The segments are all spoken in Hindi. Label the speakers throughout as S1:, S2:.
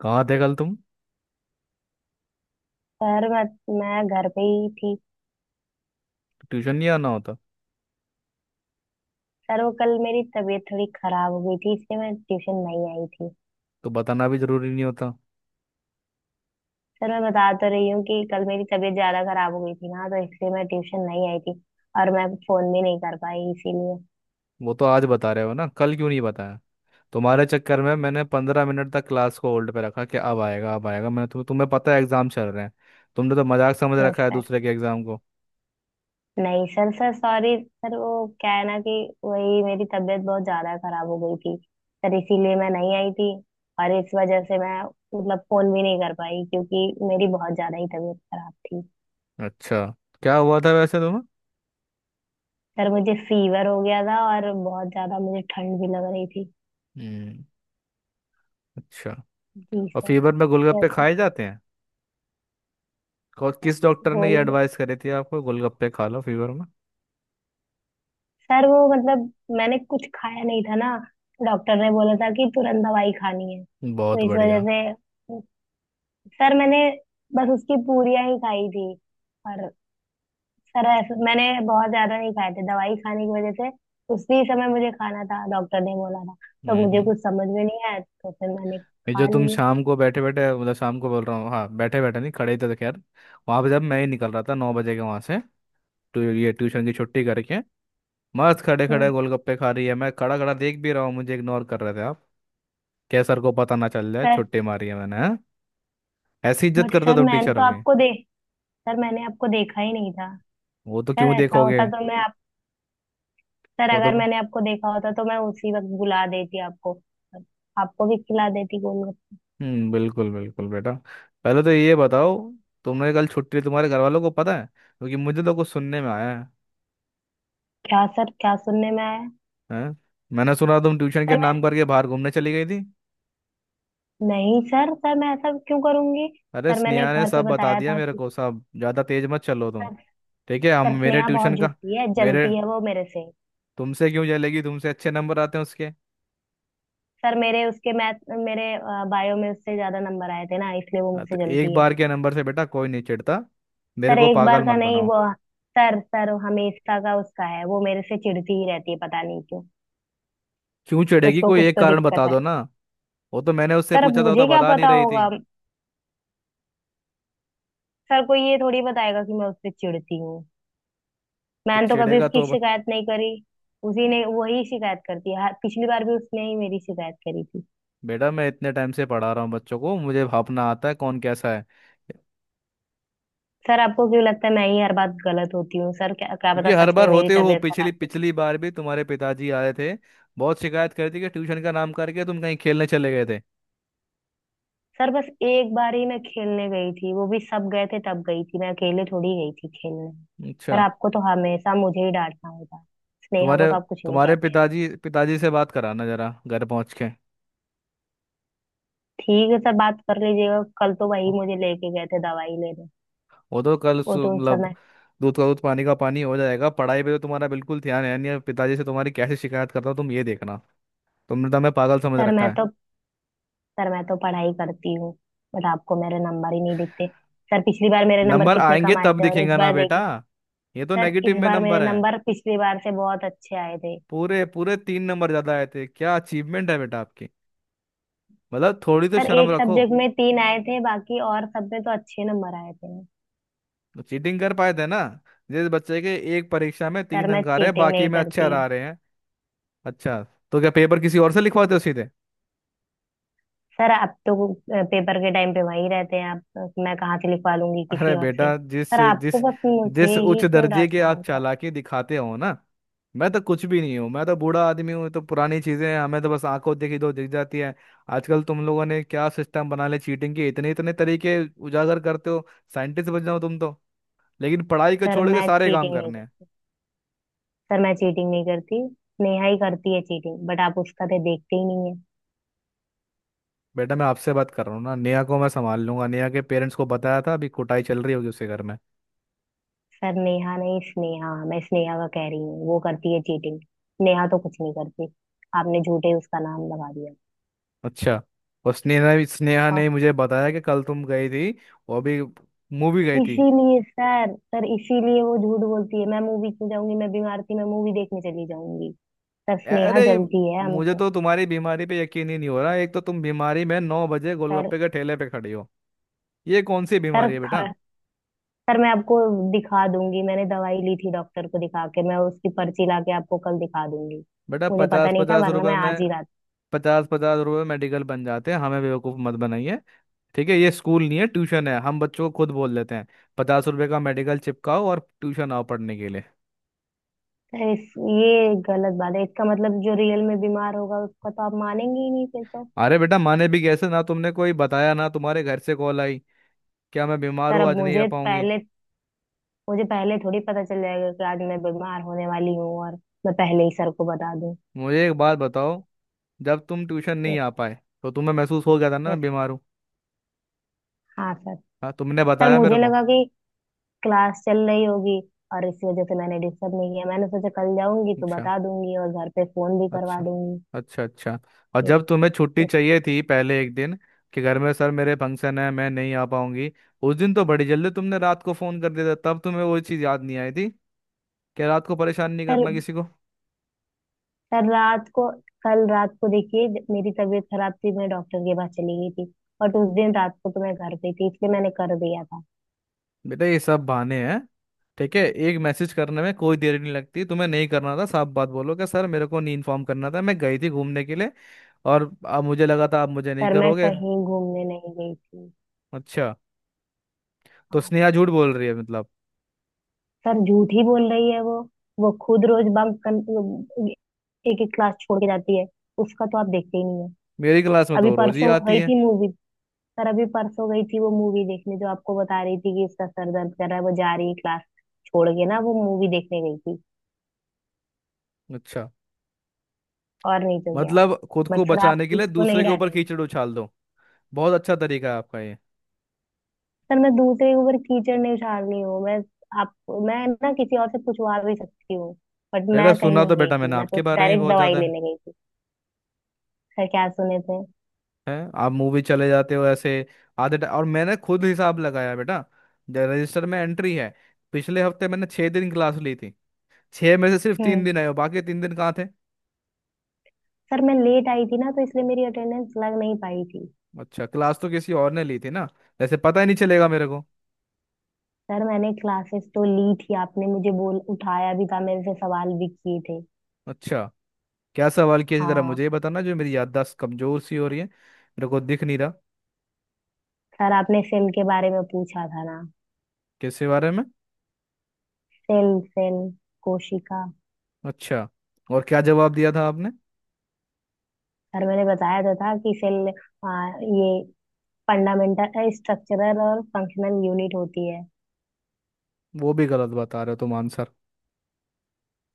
S1: कहाँ थे कल तुम।
S2: सर मैं घर पे ही थी।
S1: ट्यूशन नहीं आना होता?
S2: सर वो कल मेरी तबीयत थोड़ी खराब हो गई थी इसलिए मैं ट्यूशन नहीं आई थी।
S1: तो बताना भी जरूरी नहीं होता?
S2: सर मैं बता तो रही हूँ कि कल मेरी तबीयत ज्यादा खराब हो गई थी ना तो इसलिए मैं ट्यूशन नहीं आई थी। और मैं फोन भी नहीं कर पाई इसीलिए।
S1: वो तो आज बता रहे हो ना, कल क्यों नहीं बताया। तुम्हारे चक्कर में मैंने 15 मिनट तक क्लास को होल्ड पे रखा कि अब आएगा अब आएगा। मैंने तुम्हें तुम्हें पता है एग्जाम चल रहे हैं। तुमने तो मजाक समझ रखा
S2: यस
S1: है
S2: सर।
S1: दूसरे के एग्जाम को।
S2: नहीं सर सर सॉरी। सर वो क्या है ना कि वही मेरी तबीयत बहुत ज्यादा खराब हो गई थी। सर इसीलिए मैं नहीं आई थी। और इस वजह से मैं मतलब फोन भी नहीं कर पाई क्योंकि मेरी बहुत ज्यादा ही तबीयत खराब थी।
S1: अच्छा, क्या हुआ था वैसे तुम्हें?
S2: सर मुझे फीवर हो गया था और बहुत ज्यादा मुझे ठंड भी लग रही थी।
S1: हम्म। अच्छा।
S2: जी
S1: और
S2: सर।
S1: फीवर में गोलगप्पे
S2: यस सर।
S1: खाए जाते हैं?
S2: सर
S1: किस डॉक्टर ने ये
S2: गोल्ड।
S1: एडवाइस करी थी आपको, गोलगप्पे खा लो फीवर में?
S2: सर वो मतलब मैंने कुछ खाया नहीं था ना। डॉक्टर ने बोला था कि तुरंत दवाई खानी है
S1: बहुत
S2: तो इस वजह
S1: बढ़िया।
S2: से। सर मैंने बस उसकी पूरियां ही खाई थी। और सर ऐसे मैंने बहुत ज्यादा नहीं खाए थे दवाई खाने की वजह से। उसी समय मुझे खाना था, डॉक्टर ने बोला था। तो मुझे
S1: हम्म।
S2: कुछ समझ में नहीं आया तो फिर मैंने
S1: ये जो
S2: खा
S1: तुम
S2: लिए।
S1: शाम को बैठे बैठे, मतलब शाम को बोल रहा हूँ, हाँ, बैठे बैठे नहीं, खड़े ही थे तो खैर। वहाँ पे जब मैं ही निकल रहा था 9 बजे के वहाँ से, तो ये ट्यूशन की छुट्टी करके मस्त खड़े खड़े
S2: हम्म।
S1: गोलगप्पे खा रही है, मैं खड़ा खड़ा देख भी रहा हूँ, मुझे इग्नोर कर रहे थे आप। क्या सर को पता ना चल जाए
S2: सर
S1: छुट्टी मारी है मैंने, हाँ? ऐसी इज्जत
S2: बट
S1: करते
S2: सर
S1: तुम
S2: मैंने
S1: टीचर
S2: तो
S1: होगे।
S2: आपको दे। सर मैंने आपको देखा ही नहीं था।
S1: वो तो
S2: सर
S1: क्यों
S2: ऐसा
S1: देखोगे।
S2: होता तो मैं आप। सर
S1: वो तो
S2: अगर मैंने आपको देखा होता तो मैं उसी वक्त बुला देती आपको। आपको भी खिला देती गोलगप्पे।
S1: बिल्कुल बिल्कुल बेटा। पहले तो ये बताओ, तुमने कल छुट्टी तुम्हारे घर वालों को पता है, क्योंकि मुझे तो कुछ सुनने में आया है।
S2: क्या सर, क्या सुनने में आया।
S1: हैं? मैंने सुना तुम ट्यूशन के
S2: सर मैं।
S1: नाम करके बाहर घूमने चली गई थी।
S2: नहीं सर सर मैं ऐसा क्यों करूंगी।
S1: अरे
S2: सर मैंने
S1: स्नेहा ने
S2: घर पे
S1: सब बता
S2: बताया
S1: दिया
S2: था
S1: मेरे
S2: कि
S1: को सब, ज्यादा तेज मत चलो तुम।
S2: सर
S1: ठीक है, हम
S2: सर
S1: मेरे
S2: स्नेहा बहुत
S1: ट्यूशन का
S2: झूठी है,
S1: मेरे,
S2: जलती है वो मेरे से।
S1: तुमसे क्यों जलेगी, तुमसे अच्छे नंबर आते हैं उसके।
S2: सर मेरे उसके मैथ, मेरे बायो में उससे ज्यादा नंबर आए थे ना इसलिए वो
S1: हाँ,
S2: मुझसे
S1: तो एक
S2: जलती है।
S1: बार के नंबर से बेटा कोई नहीं चिढ़ता। मेरे
S2: सर
S1: को
S2: एक बार
S1: पागल
S2: का
S1: मत
S2: नहीं
S1: बनाओ।
S2: वो। सर सर हमेशा का उसका है, वो मेरे से चिढ़ती ही रहती है पता नहीं क्यों।
S1: क्यों चिढ़ेगी,
S2: उसको
S1: कोई
S2: कुछ
S1: एक
S2: तो
S1: कारण बता
S2: दिक्कत है।
S1: दो ना। वो तो मैंने उससे
S2: सर अब
S1: पूछा था, वो
S2: मुझे
S1: तो
S2: क्या
S1: बता नहीं
S2: पता
S1: रही थी।
S2: होगा। सर को ये थोड़ी बताएगा कि मैं उससे चिढ़ती हूँ।
S1: तो
S2: मैंने तो कभी
S1: चिढ़ेगा
S2: उसकी
S1: तो
S2: शिकायत नहीं करी। उसी ने वही शिकायत करती है पिछली बार भी उसने ही मेरी शिकायत करी थी।
S1: बेटा, मैं इतने टाइम से पढ़ा रहा हूँ बच्चों को, मुझे भापना आता है कौन कैसा है।
S2: सर आपको क्यों लगता है मैं ही हर बात गलत होती हूँ। सर क्या, क्या
S1: क्योंकि
S2: पता
S1: हर
S2: सच
S1: बार
S2: में मेरी
S1: होते हो,
S2: तबीयत खराब
S1: पिछली
S2: थी।
S1: पिछली बार भी तुम्हारे पिताजी आए थे, बहुत शिकायत करती कि ट्यूशन का नाम करके तुम कहीं खेलने चले गए थे।
S2: सर बस एक बार ही मैं खेलने गई थी, वो भी सब गए थे तब गई थी, मैं अकेले थोड़ी गई थी खेलने। सर
S1: अच्छा।
S2: आपको तो हमेशा मुझे ही डांटना होता है। स्नेहा को
S1: तुम्हारे
S2: तो आप कुछ नहीं
S1: तुम्हारे
S2: कहते हैं।
S1: पिताजी पिताजी से बात कराना जरा, घर पहुंच के।
S2: ठीक है सर, बात कर लीजिएगा, कल तो वही मुझे लेके गए थे दवाई लेने।
S1: वो तो कल
S2: वो तो उस
S1: मतलब
S2: समय।
S1: दूध का दूध पानी का पानी हो जाएगा, पढ़ाई पे तो तुम्हारा बिल्कुल ध्यान है नहीं, पिताजी से तुम्हारी कैसे शिकायत करता हूँ तुम ये देखना। तुमने तो हमें पागल समझ
S2: सर
S1: रखा
S2: मैं
S1: है।
S2: तो। सर मैं तो पढ़ाई करती हूँ, बट आपको मेरे नंबर ही नहीं दिखते। सर पिछली बार मेरे नंबर
S1: नंबर
S2: कितने
S1: आएंगे
S2: कम आए
S1: तब
S2: थे और इस
S1: दिखेगा ना
S2: बार
S1: बेटा,
S2: देखिए।
S1: ये तो
S2: सर
S1: नेगेटिव
S2: इस
S1: में
S2: बार मेरे
S1: नंबर है।
S2: नंबर पिछली बार से बहुत अच्छे आए थे।
S1: पूरे पूरे 3 नंबर ज्यादा आए थे, क्या अचीवमेंट है बेटा आपकी। मतलब थोड़ी तो
S2: सर
S1: शर्म
S2: एक
S1: रखो।
S2: सब्जेक्ट में तीन आए थे, बाकी और सब में तो अच्छे नंबर आए थे।
S1: चीटिंग कर पाए थे ना, जिस बच्चे के एक परीक्षा में
S2: सर
S1: तीन
S2: मैं
S1: अंक आ रहे हैं
S2: चीटिंग
S1: बाकी
S2: नहीं
S1: में अच्छे
S2: करती।
S1: आ रहे हैं। अच्छा, तो क्या पेपर किसी और से लिखवाते हो सीधे?
S2: सर आप तो पेपर के टाइम पे वहीं रहते हैं आप, मैं कहाँ से लिखवा लूंगी
S1: अरे
S2: किसी और से,
S1: बेटा, जिस
S2: सर आपको
S1: जिस
S2: बस मुझे
S1: जिस उच्च
S2: ही क्यों
S1: दर्जे के
S2: डांटना
S1: आप
S2: होता है।
S1: चालाकी दिखाते हो ना, मैं तो कुछ भी नहीं हूँ, मैं तो बूढ़ा आदमी हूँ, तो पुरानी चीजें हैं, हमें तो बस आंखों देखी दो दिख जाती है। आजकल तुम लोगों ने क्या सिस्टम बना ले, चीटिंग के इतने इतने तरीके उजागर करते हो, साइंटिस्ट बन जाओ तुम तो, लेकिन पढ़ाई को
S2: सर
S1: छोड़ के
S2: मैं
S1: सारे काम
S2: चीटिंग नहीं
S1: करने हैं।
S2: करती। सर मैं चीटिंग नहीं करती। नेहा ही करती है चीटिंग, बट आप उसका तो देखते ही नहीं है।
S1: बेटा मैं आपसे बात कर रहा हूँ ना, नेहा को मैं संभाल लूंगा, नेहा के पेरेंट्स को बताया था, अभी कुटाई चल रही होगी उसके घर में।
S2: सर नेहा नहीं, स्नेहा, मैं स्नेहा का कह रही हूँ, वो करती है चीटिंग। नेहा तो कुछ नहीं करती। आपने झूठे ही उसका नाम लगा दिया।
S1: अच्छा, और स्नेहा भी, स्नेहा
S2: और
S1: ने मुझे बताया कि कल तुम गई थी, वो भी मूवी गई थी।
S2: इसीलिए सर सर इसीलिए वो झूठ बोलती है। मैं मूवी क्यों जाऊंगी, मैं बीमार थी, मैं मूवी देखने चली जाऊंगी। सर स्नेहा
S1: अरे
S2: जलती है
S1: मुझे
S2: हमसे।
S1: तो तुम्हारी बीमारी पे यकीन ही नहीं हो रहा, एक तो तुम बीमारी में 9 बजे
S2: सर
S1: गोलगप्पे के ठेले पे खड़ी हो, ये कौन सी
S2: सर
S1: बीमारी है बेटा।
S2: सर मैं आपको दिखा दूंगी, मैंने दवाई ली थी डॉक्टर को दिखा के, मैं उसकी पर्ची ला के आपको कल दिखा दूंगी।
S1: बेटा
S2: मुझे पता
S1: पचास
S2: नहीं था
S1: पचास
S2: वरना
S1: रुपए
S2: मैं आज ही
S1: में
S2: रात।
S1: पचास पचास रुपए में मेडिकल बन जाते हैं, हमें बेवकूफ़ मत बनाइए। ठीक है, ये स्कूल नहीं है, ट्यूशन है, हम बच्चों को खुद बोल देते हैं, ₹50 का मेडिकल चिपकाओ और ट्यूशन आओ पढ़ने के लिए।
S2: सर इस ये गलत बात है, इसका मतलब जो रियल में बीमार होगा उसका तो आप मानेंगे ही नहीं फिर तो।
S1: अरे बेटा माने भी कैसे ना, तुमने कोई बताया, ना तुम्हारे घर से कॉल आई, क्या मैं बीमार
S2: सर
S1: हूँ
S2: अब
S1: आज नहीं आ
S2: मुझे
S1: पाऊंगी।
S2: पहले मुझे पहले थोड़ी पता चल जाएगा कि आज मैं बीमार होने वाली हूँ और मैं पहले ही सर को बता दूं।
S1: मुझे एक बात बताओ, जब तुम ट्यूशन नहीं
S2: यस।
S1: आ पाए तो तुम्हें महसूस हो गया था ना मैं
S2: यस।
S1: बीमार हूँ,
S2: हाँ सर।
S1: हाँ तुमने
S2: सर
S1: बताया मेरे
S2: मुझे
S1: को?
S2: लगा कि क्लास चल रही होगी और इस वजह से मैंने डिस्टर्ब नहीं किया, मैंने सोचा कल जाऊंगी तो
S1: अच्छा,
S2: बता दूंगी और घर पे फोन भी करवा
S1: अच्छा,
S2: दूंगी।
S1: अच्छा, अच्छा। और जब तुम्हें छुट्टी
S2: यस।
S1: चाहिए थी पहले एक दिन, कि घर में सर मेरे फंक्शन है मैं नहीं आ पाऊंगी, उस दिन तो बड़ी जल्दी तुमने रात को फोन कर दिया था, तब तुम्हें वो चीज़ याद नहीं आई थी कि रात को परेशान नहीं
S2: कल
S1: करना किसी को।
S2: कल रात को कल रात को देखिए, जब मेरी तबीयत खराब थी मैं डॉक्टर के पास चली गई थी। और उस दिन रात को तो मैं घर पे थी, इसलिए मैंने कर दिया था।
S1: बेटा ये सब बहाने हैं, ठीक है, एक मैसेज करने में कोई देर नहीं लगती, तुम्हें नहीं करना था, साफ बात बोलो कि सर मेरे को नहीं इन्फॉर्म करना था, मैं गई थी घूमने के लिए, और अब मुझे लगा था आप मुझे नहीं
S2: सर मैं
S1: करोगे।
S2: कहीं घूमने नहीं गई थी।
S1: अच्छा, तो
S2: हाँ
S1: स्नेहा
S2: सर।
S1: झूठ बोल रही है, मतलब
S2: सर झूठ ही बोल रही है वो खुद रोज बंक कर, एक एक क्लास छोड़ के जाती है। उसका तो आप देखते ही नहीं है।
S1: मेरी क्लास में
S2: अभी
S1: तो रोज ही
S2: परसों वो
S1: आती
S2: गई
S1: है।
S2: थी मूवी। सर अभी परसों गई थी वो मूवी देखने, जो आपको बता रही थी कि इसका सर दर्द कर रहा है वो जा रही है क्लास छोड़ के ना, वो मूवी देखने गई थी।
S1: अच्छा,
S2: और नहीं तो क्या।
S1: मतलब खुद को
S2: बट सर आप
S1: बचाने के लिए
S2: उसको नहीं
S1: दूसरे के ऊपर
S2: डांटेंगे।
S1: कीचड़ उछाल दो, बहुत अच्छा तरीका है आपका ये।
S2: सर मैं दूसरे के ऊपर कीचड़ नहीं उछाल रही हूँ, मैं आप, मैं ना किसी और से पूछवा भी सकती हूँ। बट
S1: बेटा,
S2: मैं कहीं
S1: सुना तो
S2: नहीं गई
S1: बेटा
S2: थी,
S1: मैंने
S2: मैं तो
S1: आपके बारे में
S2: डायरेक्ट
S1: बहुत
S2: दवाई
S1: ज्यादा है,
S2: लेने गई थी। सर क्या सुने थे।
S1: है? आप मूवी चले जाते हो ऐसे आधे और मैंने खुद हिसाब लगाया बेटा, रजिस्टर में एंट्री है। पिछले हफ्ते मैंने 6 दिन क्लास ली थी, छह में से सिर्फ तीन
S2: हम्म।
S1: दिन आए हो, बाकी 3 दिन कहाँ थे?
S2: सर मैं लेट आई थी ना तो इसलिए मेरी अटेंडेंस लग नहीं पाई थी।
S1: अच्छा, क्लास तो किसी और ने ली थी ना, जैसे पता ही नहीं चलेगा मेरे को।
S2: सर मैंने क्लासेस तो ली थी, आपने मुझे बोल उठाया भी था, मेरे से सवाल भी किए थे।
S1: अच्छा, क्या सवाल किया थी जरा
S2: हाँ।
S1: मुझे ये बताना, जो मेरी याददाश्त कमजोर सी हो रही है मेरे को दिख नहीं रहा।
S2: सर आपने सेल के बारे में पूछा था ना।
S1: किसके बारे में?
S2: सेल सेल कोशिका।
S1: अच्छा, और क्या जवाब दिया था आपने?
S2: सर मैंने बताया तो था कि सेल ये फंडामेंटल स्ट्रक्चरल और फंक्शनल यूनिट होती है।
S1: वो भी गलत बता रहे हो तुम आंसर,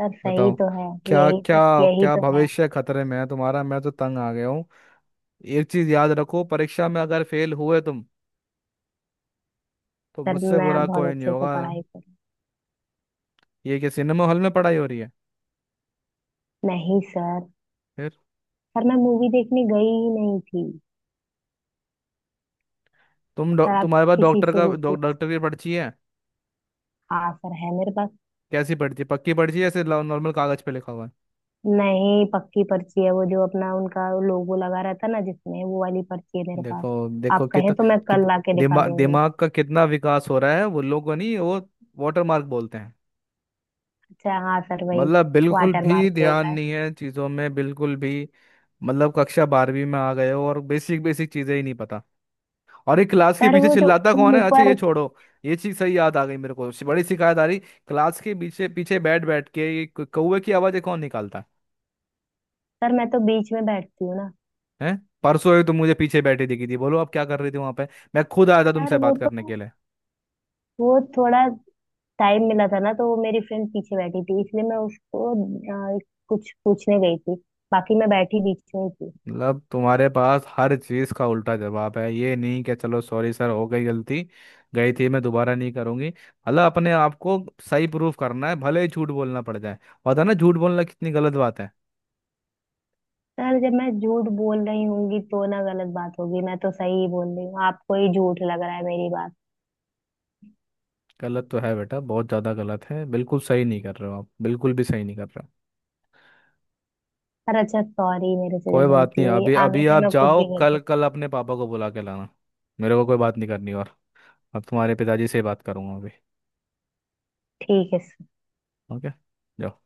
S2: सर सही
S1: बताओ,
S2: तो है।
S1: क्या?
S2: यही
S1: क्या?
S2: तो यही
S1: क्या
S2: तो है।
S1: भविष्य खतरे में है तुम्हारा, मैं तो तंग आ गया हूँ। एक चीज याद रखो, परीक्षा में अगर फेल हुए तुम तो
S2: सर
S1: मुझसे
S2: मैं
S1: बुरा कोई
S2: बहुत
S1: नहीं
S2: अच्छे से
S1: होगा।
S2: पढ़ाई करूँ।
S1: ये क्या सिनेमा हॉल में पढ़ाई हो रही है?
S2: नहीं सर।
S1: फिर?
S2: मैं मूवी देखने गई ही नहीं थी।
S1: तुम
S2: सर आप
S1: तुम्हारे पास
S2: किसी
S1: डॉक्टर
S2: से
S1: का
S2: भी पूछ।
S1: डॉक्टर की पर्ची है?
S2: हाँ सर, है मेरे पास।
S1: कैसी पर्ची, पक्की पर्ची है, ऐसे नॉर्मल कागज पे लिखा हुआ है?
S2: नहीं पक्की पर्ची है, वो जो अपना उनका लोगो लगा रहता ना, जिसमें वो वाली पर्ची है मेरे पास।
S1: देखो देखो
S2: आप कहें
S1: कितना
S2: तो मैं
S1: कित,
S2: कल लाके दिखा दूंगी।
S1: दिमाग का कितना विकास हो रहा है, वो लोगों नहीं, वो वाटर मार्क बोलते हैं।
S2: अच्छा, हाँ सर, वही।
S1: मतलब बिल्कुल
S2: वाटर
S1: भी
S2: मार्क जो
S1: ध्यान
S2: होता है।
S1: नहीं है चीज़ों में, बिल्कुल भी। मतलब कक्षा 12वीं में आ गए हो और बेसिक बेसिक चीज़ें ही नहीं पता। और ये क्लास के
S2: सर
S1: पीछे
S2: वो जो
S1: चिल्लाता कौन है, अच्छा
S2: ऊपर।
S1: ये छोड़ो। ये चीज़ सही याद आ गई मेरे को, बड़ी शिकायत आ रही। क्लास के पीछे पीछे बैठ बैठ के ये कौवे की आवाज़ें कौन निकालता है?
S2: सर मैं तो बीच में बैठती हूँ ना।
S1: हैं? परसों ही तुम मुझे पीछे बैठी दिखी थी, बोलो अब क्या कर रही थी वहां पे, मैं खुद आया था
S2: सर
S1: तुमसे
S2: वो
S1: बात करने
S2: तो।
S1: के लिए।
S2: वो थोड़ा टाइम मिला था ना, तो वो मेरी फ्रेंड पीछे बैठी थी इसलिए मैं उसको कुछ पूछने गई थी। बाकी मैं बैठी बीच में ही थी।
S1: मतलब तुम्हारे पास हर चीज का उल्टा जवाब है, ये नहीं कि चलो सॉरी सर हो गई गलती, गई थी मैं दोबारा नहीं करूंगी, मतलब अपने आप को सही प्रूफ करना है भले ही झूठ बोलना पड़ जाए। पता है ना झूठ बोलना कितनी गलत बात है,
S2: सर जब मैं झूठ बोल रही होंगी तो ना गलत बात होगी, मैं तो सही ही बोल रही हूँ, आपको ही झूठ लग रहा है मेरी बात।
S1: गलत तो है बेटा, बहुत ज्यादा गलत है, बिल्कुल सही नहीं कर रहे हो आप, बिल्कुल भी सही नहीं कर रहे हो।
S2: सर अच्छा सॉरी, मेरे से जो
S1: कोई बात
S2: गलती
S1: नहीं,
S2: हुई,
S1: अभी
S2: आगे
S1: अभी
S2: से
S1: आप
S2: मैं कुछ
S1: जाओ,
S2: भी
S1: कल
S2: गलती।
S1: कल अपने पापा को बुला के लाना, मेरे को कोई बात नहीं करनी, और अब तुम्हारे पिताजी से ही बात करूंगा अभी।
S2: ठीक है।
S1: ओके, जाओ।